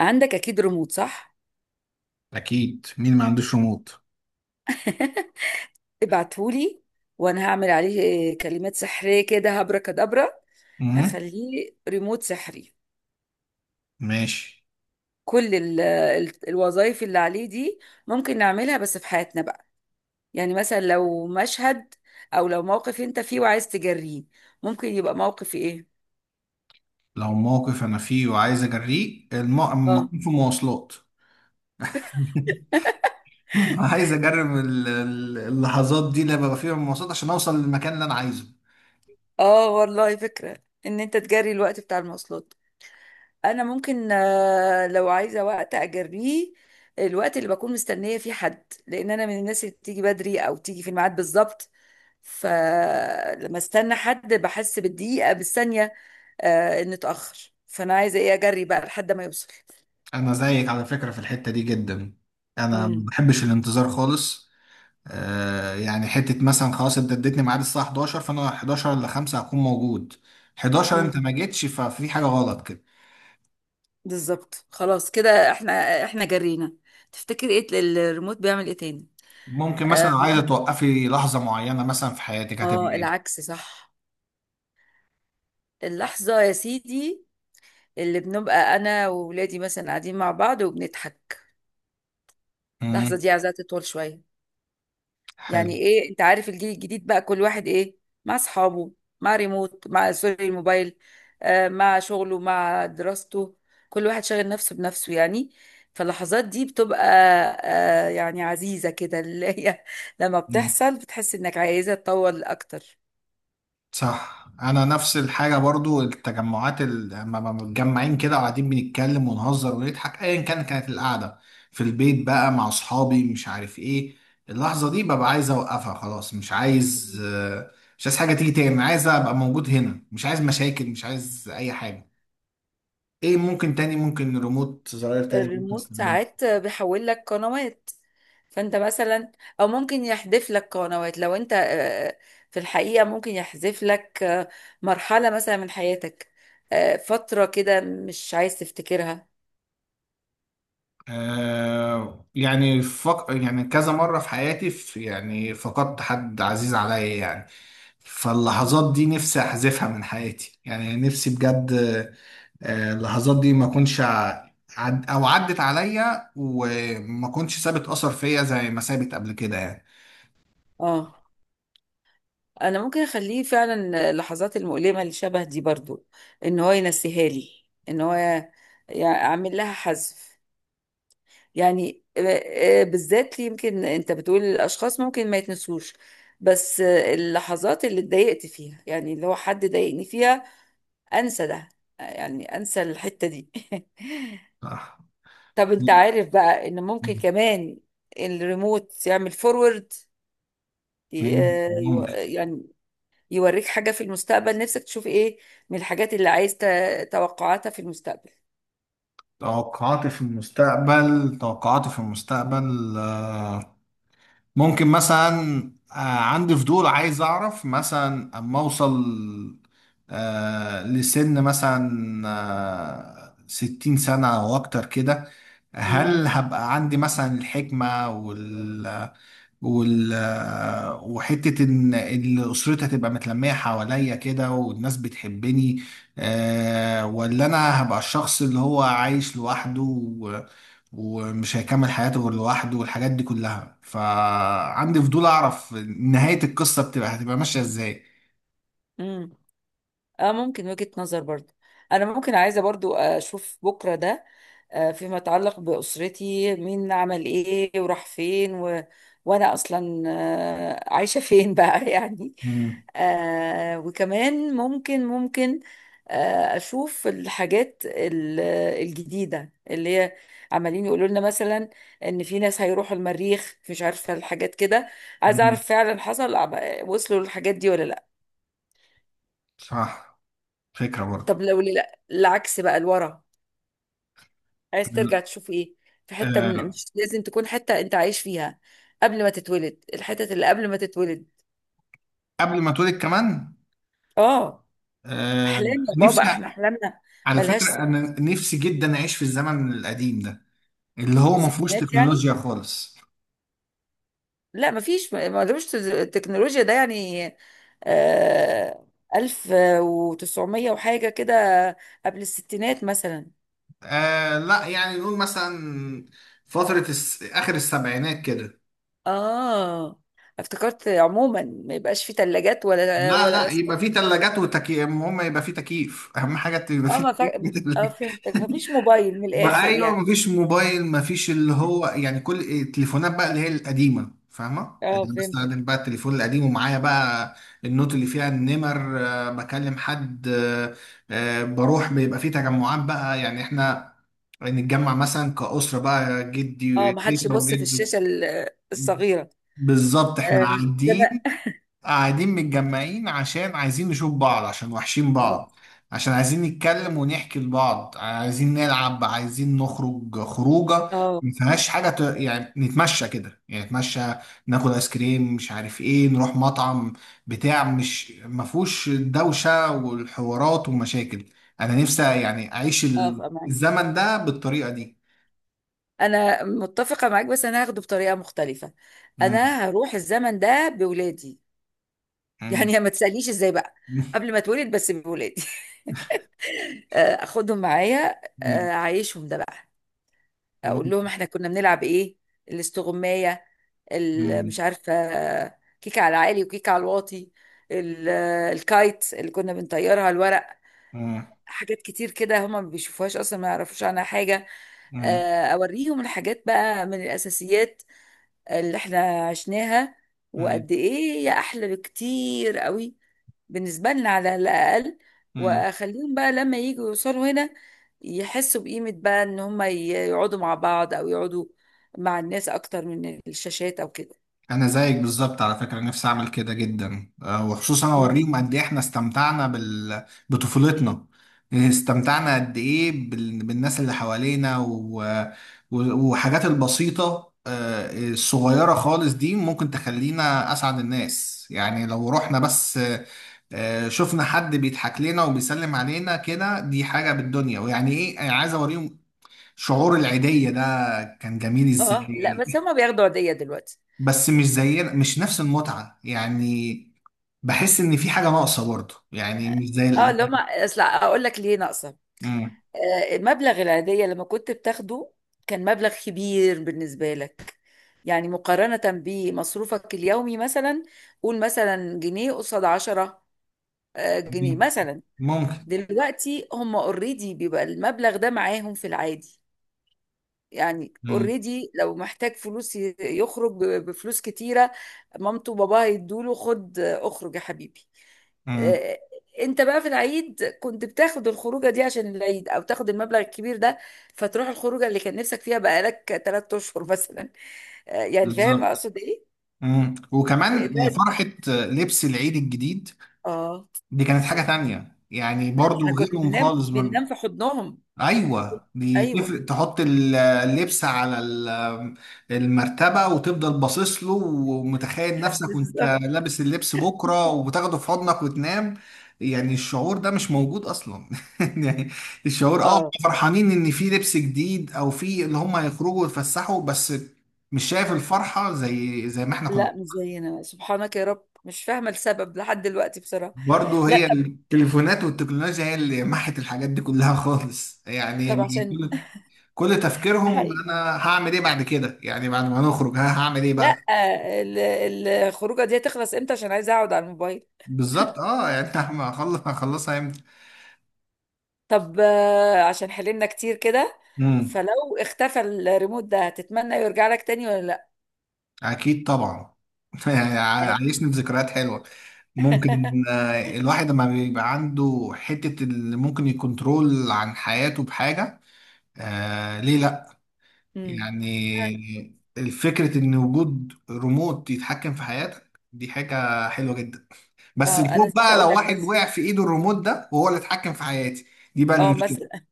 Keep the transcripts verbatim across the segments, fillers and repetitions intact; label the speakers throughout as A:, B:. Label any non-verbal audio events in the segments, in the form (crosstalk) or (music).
A: عندك اكيد ريموت، صح؟
B: اكيد، مين ما عندوش ريموت؟
A: (laughs) ابعتهولي، وانا هعمل عليه كلمات سحرية كده، هبرة كدبرة.
B: امم
A: هخليه ريموت سحري.
B: ماشي.
A: كل ال- ال- الوظائف اللي عليه دي ممكن نعملها بس في حياتنا بقى. يعني مثلا لو مشهد، او لو موقف انت فيه وعايز تجريه، ممكن يبقى موقف ايه؟
B: لو موقف انا فيه وعايز اجريه، الم... لما
A: اه،
B: اكون في مواصلات. (laughs) عايز اجرب ال- ال- اللحظات دي اللي ببقى فيها مواصلات عشان اوصل للمكان اللي انا عايزه.
A: اه، والله فكرة ان انت تجري الوقت بتاع المواصلات. انا ممكن آه، لو عايزه وقت اجريه، الوقت اللي بكون مستنيه فيه حد، لان انا من الناس اللي بتيجي بدري او تيجي في الميعاد بالظبط، فلما استنى حد بحس بالدقيقه بالثانيه. آه، ان اتاخر، فانا عايزه ايه؟ اجري بقى لحد ما يوصل.
B: انا زيك على فكرة في الحتة دي جدا. انا ما
A: امم.
B: بحبش الانتظار خالص. آه، يعني حتة مثلا خلاص انت اديتني ميعاد الساعة حداشر، فانا حداشر ل خمسة هكون موجود. حداشر انت
A: امم.
B: ما جيتش، ففي حاجة غلط كده.
A: بالظبط، خلاص كده احنا احنا جرينا. تفتكر ايه ال- الريموت بيعمل ايه تاني؟
B: ممكن مثلا
A: اه.
B: لو عايزة توقفي لحظة معينة مثلا في حياتك
A: آه،
B: هتبقى
A: العكس صح. اللحظه يا سيدي اللي بنبقى انا وولادي مثلا قاعدين مع بعض وبنضحك، اللحظة
B: ايه؟
A: دي عايزاها تطول شوية.
B: حلو.
A: يعني ايه، انت عارف الجيل الجديد بقى كل واحد ايه، مع اصحابه، مع ريموت، مع سوري الموبايل، آه مع شغله مع دراسته، كل واحد شاغل نفسه بنفسه يعني. فاللحظات دي بتبقى آه يعني عزيزة كده، اللي هي (laughs) لما
B: مم.
A: بتحصل بتحس انك عايزة تطول اكتر.
B: صح، انا نفس الحاجه برضو، التجمعات ال- لما لما متجمعين كده وقاعدين بنتكلم ونهزر ونضحك ايا كان كانت القعده، في البيت بقى مع اصحابي مش عارف ايه. اللحظه دي ببقى عايز اوقفها خلاص، مش عايز. آه، مش عايز حاجه تيجي تاني، عايز ابقى موجود هنا، مش عايز مشاكل، مش عايز اي حاجه. ايه ممكن تاني؟ ممكن ريموت زراير تاني ممكن
A: الريموت
B: استخدمها.
A: ساعات بيحول لك قنوات فانت مثلا، او ممكن يحذف لك قنوات لو انت، آه، في الحقيقة، ممكن يحذف لك آه، مرحلة مثلا من حياتك، آه، فترة كده مش عايز تفتكرها.
B: آه، يعني فق... يعني كذا مرة في حياتي، في يعني، فقدت حد عزيز عليا يعني. فاللحظات دي نفسي أحذفها من حياتي يعني، نفسي بجد. آه، اللحظات دي ما أكونش ع- عد... أو عدت عليا وما أكونش سابت أثر فيا زي ما سابت قبل كده يعني.
A: اه، انا ممكن اخليه فعلا اللحظات المؤلمة اللي شبه دي برضو، ان هو ينسيها لي، ان هو يعمل لها حذف. يعني آه، آه، بالذات ليه؟ يمكن انت بتقول الاشخاص ممكن ما يتنسوش، بس آه، اللحظات اللي اتضايقت فيها، يعني اللي هو حد ضايقني فيها، انسى ده. آه، يعني انسى الحتة دي. (laughs)
B: صح.
A: طب انت عارف بقى ان ممكن
B: مم.
A: كمان الريموت يعمل فورورد،
B: ممكن.
A: يعني يوريك حاجة في المستقبل نفسك تشوف ايه من الحاجات اللي عايز ت- توقعاتها في المستقبل.
B: توقعاتي في المستقبل توقعاتي في المستقبل، آه، ممكن مثلا. آه، عندي فضول عايز اعرف مثلا اما اوصل، آه، لسن مثلا، آه، ستين سنة او اكتر كده، هل هبقى عندي مثلا الحكمة؟ وال وحتة إن إن أسرتي هتبقى متلمية حواليا كده والناس بتحبني؟ آه، ولا أنا هبقى الشخص اللي هو عايش لوحده و- ومش هيكمل حياته غير لوحده، والحاجات دي كلها. فعندي فضول أعرف نهاية القصة بتبقى هتبقى ماشية إزاي.
A: امم. اه، ممكن وجهة نظر برضو. انا ممكن عايزة برضو اشوف بكرة ده، آه، فيما يتعلق بأسرتي مين عمل ايه وراح فين و... وانا اصلا آه، عايشة فين بقى؟ (laughs) يعني.
B: مم.
A: آه، وكمان ممكن ممكن آه، اشوف الحاجات ال- الجديدة اللي هي عمالين يقولوا لنا مثلا ان في ناس هيروحوا المريخ، مش عارفة الحاجات كده، عايزة
B: مم.
A: اعرف فعلا حصل؟ وصلوا للحاجات دي ولا لا؟
B: صح. فكرة برضه.
A: طب لو ال- العكس بقى لورا، عايز ترجع تشوف ايه؟ في حتة، من
B: آه،
A: مش لازم تكون حتة انت عايش فيها، قبل ما تتولد، الحتت اللي قبل ما تتولد.
B: قبل ما اتولد كمان.
A: اه.
B: آه،
A: احلام يا
B: نفسي.
A: بابا، احنا احلامنا
B: على فكرة
A: ملهاش.
B: أنا نفسي جدا أعيش في الزمن القديم ده، اللي هو ما فيهوش
A: ستينات يعني؟
B: تكنولوجيا خالص.
A: لا، مفيش، ملوش تز- التكنولوجيا ده يعني. آه، ألف وتسعمية وحاجة كده، قبل الستينات مثلا.
B: آه لا، يعني نقول مثلا فترة الس... آخر السبعينات كده.
A: اه، افتكرت عموما ما يبقاش في تلاجات ولا
B: لا
A: ولا
B: لا، يبقى في تلاجات وتكييف، المهم يبقى في تكييف، أهم حاجة يبقى
A: اه،
B: في
A: ما
B: تكييف (laughs) في
A: فا... اه،
B: التلاجة.
A: فهمتك، مفيش موبايل من
B: بقى
A: الاخر
B: ايوه،
A: يعني.
B: مفيش موبايل، مفيش اللي هو، يعني كل التليفونات بقى اللي هي القديمه فاهمه،
A: اه،
B: اللي بستخدم
A: فهمتك.
B: بقى التليفون القديم، ومعايا بقى النوت اللي فيها النمر، آه، بكلم حد، آه، آه، بروح بيبقى فيه تجمعات بقى. يعني احنا نتجمع مثلا كأسرة بقى، جدي
A: اه، ما حدش
B: تيتا
A: يبص في
B: وجدو.
A: الشاشه ال- الصغيره
B: بالظبط احنا
A: آه، زمان.
B: قاعدين قاعدين متجمعين، عشان عايزين نشوف بعض، عشان وحشين بعض،
A: بالظبط.
B: عشان عايزين نتكلم ونحكي لبعض، عايزين نلعب، عايزين نخرج خروجة
A: اه.
B: ما فيهاش حاجة. ت... يعني نتمشى كده، يعني نتمشى، ناكل آيس كريم، مش عارف ايه، نروح مطعم بتاع، مش ما فيهوش الدوشة والحوارات والمشاكل. أنا نفسي يعني أعيش
A: اه،
B: ال-
A: معاك.
B: الزمن ده بالطريقة دي.
A: انا متفقه معاك، بس انا هاخده بطريقه مختلفه.
B: مم.
A: انا هروح الزمن ده بولادي. (laughs)
B: مم.
A: يعني ما تسالنيش ازاي بقى، قبل ما اتولد، بس بولادي. (laughs) آه، اخدهم معايا،
B: مم.
A: آه، اعيشهم ده بقى. اقول
B: مم.
A: لهم احنا كنا بنلعب ايه، الاستغمايه، ال- مش
B: مم.
A: عارفة، كيك على العالي وكيك على الواطي، ال- الكايت اللي كنا بنطيرها الورق. حاجات كتير كده هما ما بيشوفوهاش اصلا، ما يعرفوش عنها حاجة.
B: مم.
A: آه، اوريهم الحاجات بقى من الاساسيات اللي احنا عشناها،
B: مم.
A: وقد ايه هي احلى بكتير قوي بالنسبة لنا على الاقل.
B: مم.
A: واخليهم بقى لما يجوا يوصلوا هنا يحسوا بقيمة بقى ان هما يقعدوا مع بعض، او يقعدوا مع الناس اكتر من الشاشات او كده.
B: انا زيك بالظبط على فكره، نفسي اعمل كده جدا. آه، وخصوصا اوريهم قد ايه احنا استمتعنا بال... بطفولتنا، استمتعنا قد ايه بال... بالناس اللي حوالينا و... و... وحاجات البسيطه، آه، الصغيره خالص دي ممكن تخلينا اسعد الناس يعني، لو رحنا بس، آه، شفنا حد بيضحك لنا وبيسلم علينا كده، دي حاجه بالدنيا. ويعني ايه، أنا عايز اوريهم شعور العيديه ده كان جميل
A: اه، لا، بس
B: ازاي.
A: هما بياخدوا عيدية دلوقتي.
B: بس مش زينا، مش نفس المتعة يعني، بحس ان في حاجة ناقصة برضو، يعني مش زي
A: اه،
B: ال...
A: اللي هما، اصل اقول لك ليه ناقصة.
B: مم.
A: آه، مبلغ العيدية لما كنت بتاخده كان مبلغ كبير بالنسبة لك، يعني مقارنة بمصروفك اليومي مثلا، قول مثلا جنيه قصاد عشرة، آه، جنيه
B: مم.
A: مثلا.
B: ممكن.
A: دلوقتي هم اوريدي بيبقى المبلغ ده معاهم في العادي، يعني
B: مم.
A: اوريدي لو محتاج فلوس ي- يخرج ب- بفلوس كتيرة. مامته وباباه هيدوله: خد اخرج يا حبيبي.
B: مم.
A: آه، انت بقى في العيد كنت بتاخد الخروجة دي عشان العيد، او تاخد المبلغ الكبير ده فتروح الخروجة اللي كان نفسك فيها بقالك ثلاث اشهر مثلا. آه، يعني فاهم
B: بالظبط.
A: اقصد ايه؟
B: مم.
A: آه،
B: وكمان
A: لا.
B: فرحة لبس العيد الجديد،
A: اه،
B: دي كانت
A: بس
B: حاجة
A: لا،
B: تانية يعني،
A: احنا
B: برضو
A: كنا
B: غيرهم
A: بننام
B: خالص.
A: بننام في حضنهم.
B: ايوه دي
A: ايوه.
B: تفرق، تحط ال- اللبس على ال- المرتبه وتفضل باصص له، ومتخيل نفسك وانت
A: بالظبط.
B: لابس اللبس بكره، وبتاخده في حضنك وتنام. يعني الشعور ده مش موجود اصلا. (laughs) يعني الشعور، اه هم
A: اه.
B: فرحانين ان في لبس جديد، او في اللي هم هيخرجوا ويتفسحوا بس. مش شايف الفرحه زي زي ما احنا كنا.
A: لا، مش زينا، سبحانك يا رب مش فاهمة السبب لحد دلوقتي بصراحة.
B: برضه
A: لا.
B: هي التليفونات والتكنولوجيا هي اللي محت الحاجات دي كلها خالص يعني.
A: طب عشان
B: كل
A: (laughs) ده
B: تفكيرهم
A: حقيقي.
B: انا هعمل ايه بعد كده، يعني بعد ما نخرج ها هعمل ايه
A: لا،
B: بقى.
A: ال- ال- الخروجة دي هتخلص امتى عشان عايزة اقعد على الموبايل؟
B: بالظبط. اه يعني (laughs) هعمل- هخلص هخلصها امتى.
A: طب آه، عشان حللنا كتير كده،
B: امم
A: فلو اختفى الريموت ده هتتمنى يرجع لك تاني ولا لا؟
B: اكيد طبعا. (laughs) يعني ع-
A: يعني.
B: عايشني بذكريات حلوه. ممكن،
A: (laughs)
B: آه، الواحد لما بيبقى عنده حته اللي ممكن يكنترول عن حياته بحاجه، آه ليه لا؟
A: امم.
B: يعني الفكره ان وجود ريموت يتحكم في حياتك، دي حاجه حلوه جدا. بس
A: اه، انا
B: الخوف
A: نسيت
B: بقى
A: اقول
B: لو
A: لك
B: واحد وقع
A: بس.
B: في ايده الريموت ده وهو اللي اتحكم في حياتي، دي بقى
A: اه،
B: المشكله.
A: مثلا،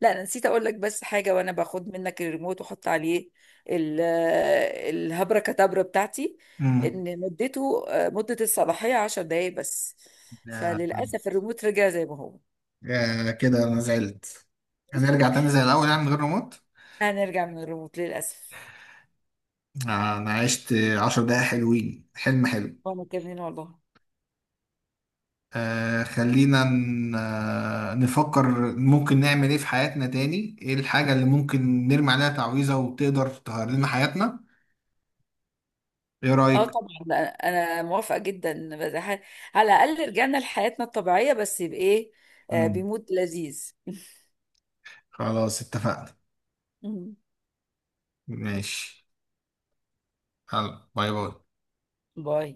A: لا، انا نسيت اقول لك بس حاجه، وانا باخد منك الريموت واحط عليه ال- الهبره كتبره بتاعتي،
B: امم
A: ان مدته آه، مده الصلاحيه 10 دقائق بس.
B: يا-
A: فللاسف الريموت رجع زي ما هو.
B: يا كده انا زعلت. هنرجع تاني زي الاول يعني من غير ريموت.
A: هنرجع من الريموت للاسف.
B: آه، انا عشت عشر دقايق حلوين، حلم حلو.
A: وانا كمان والله.
B: آه، خلينا ن- آه، نفكر ممكن نعمل ايه في حياتنا تاني. ايه الحاجه اللي ممكن نرمي عليها تعويذه وتقدر تغير لنا حياتنا؟ ايه
A: اه،
B: رايك؟
A: طبعا لا، انا موافقه جدا، بس ح- على الاقل رجعنا لحياتنا الطبيعيه، بس بايه؟ آه،
B: امم
A: بمود لذيذ.
B: خلاص اتفقنا.
A: (laughs)
B: ماشي. يلا باي باي.
A: باي.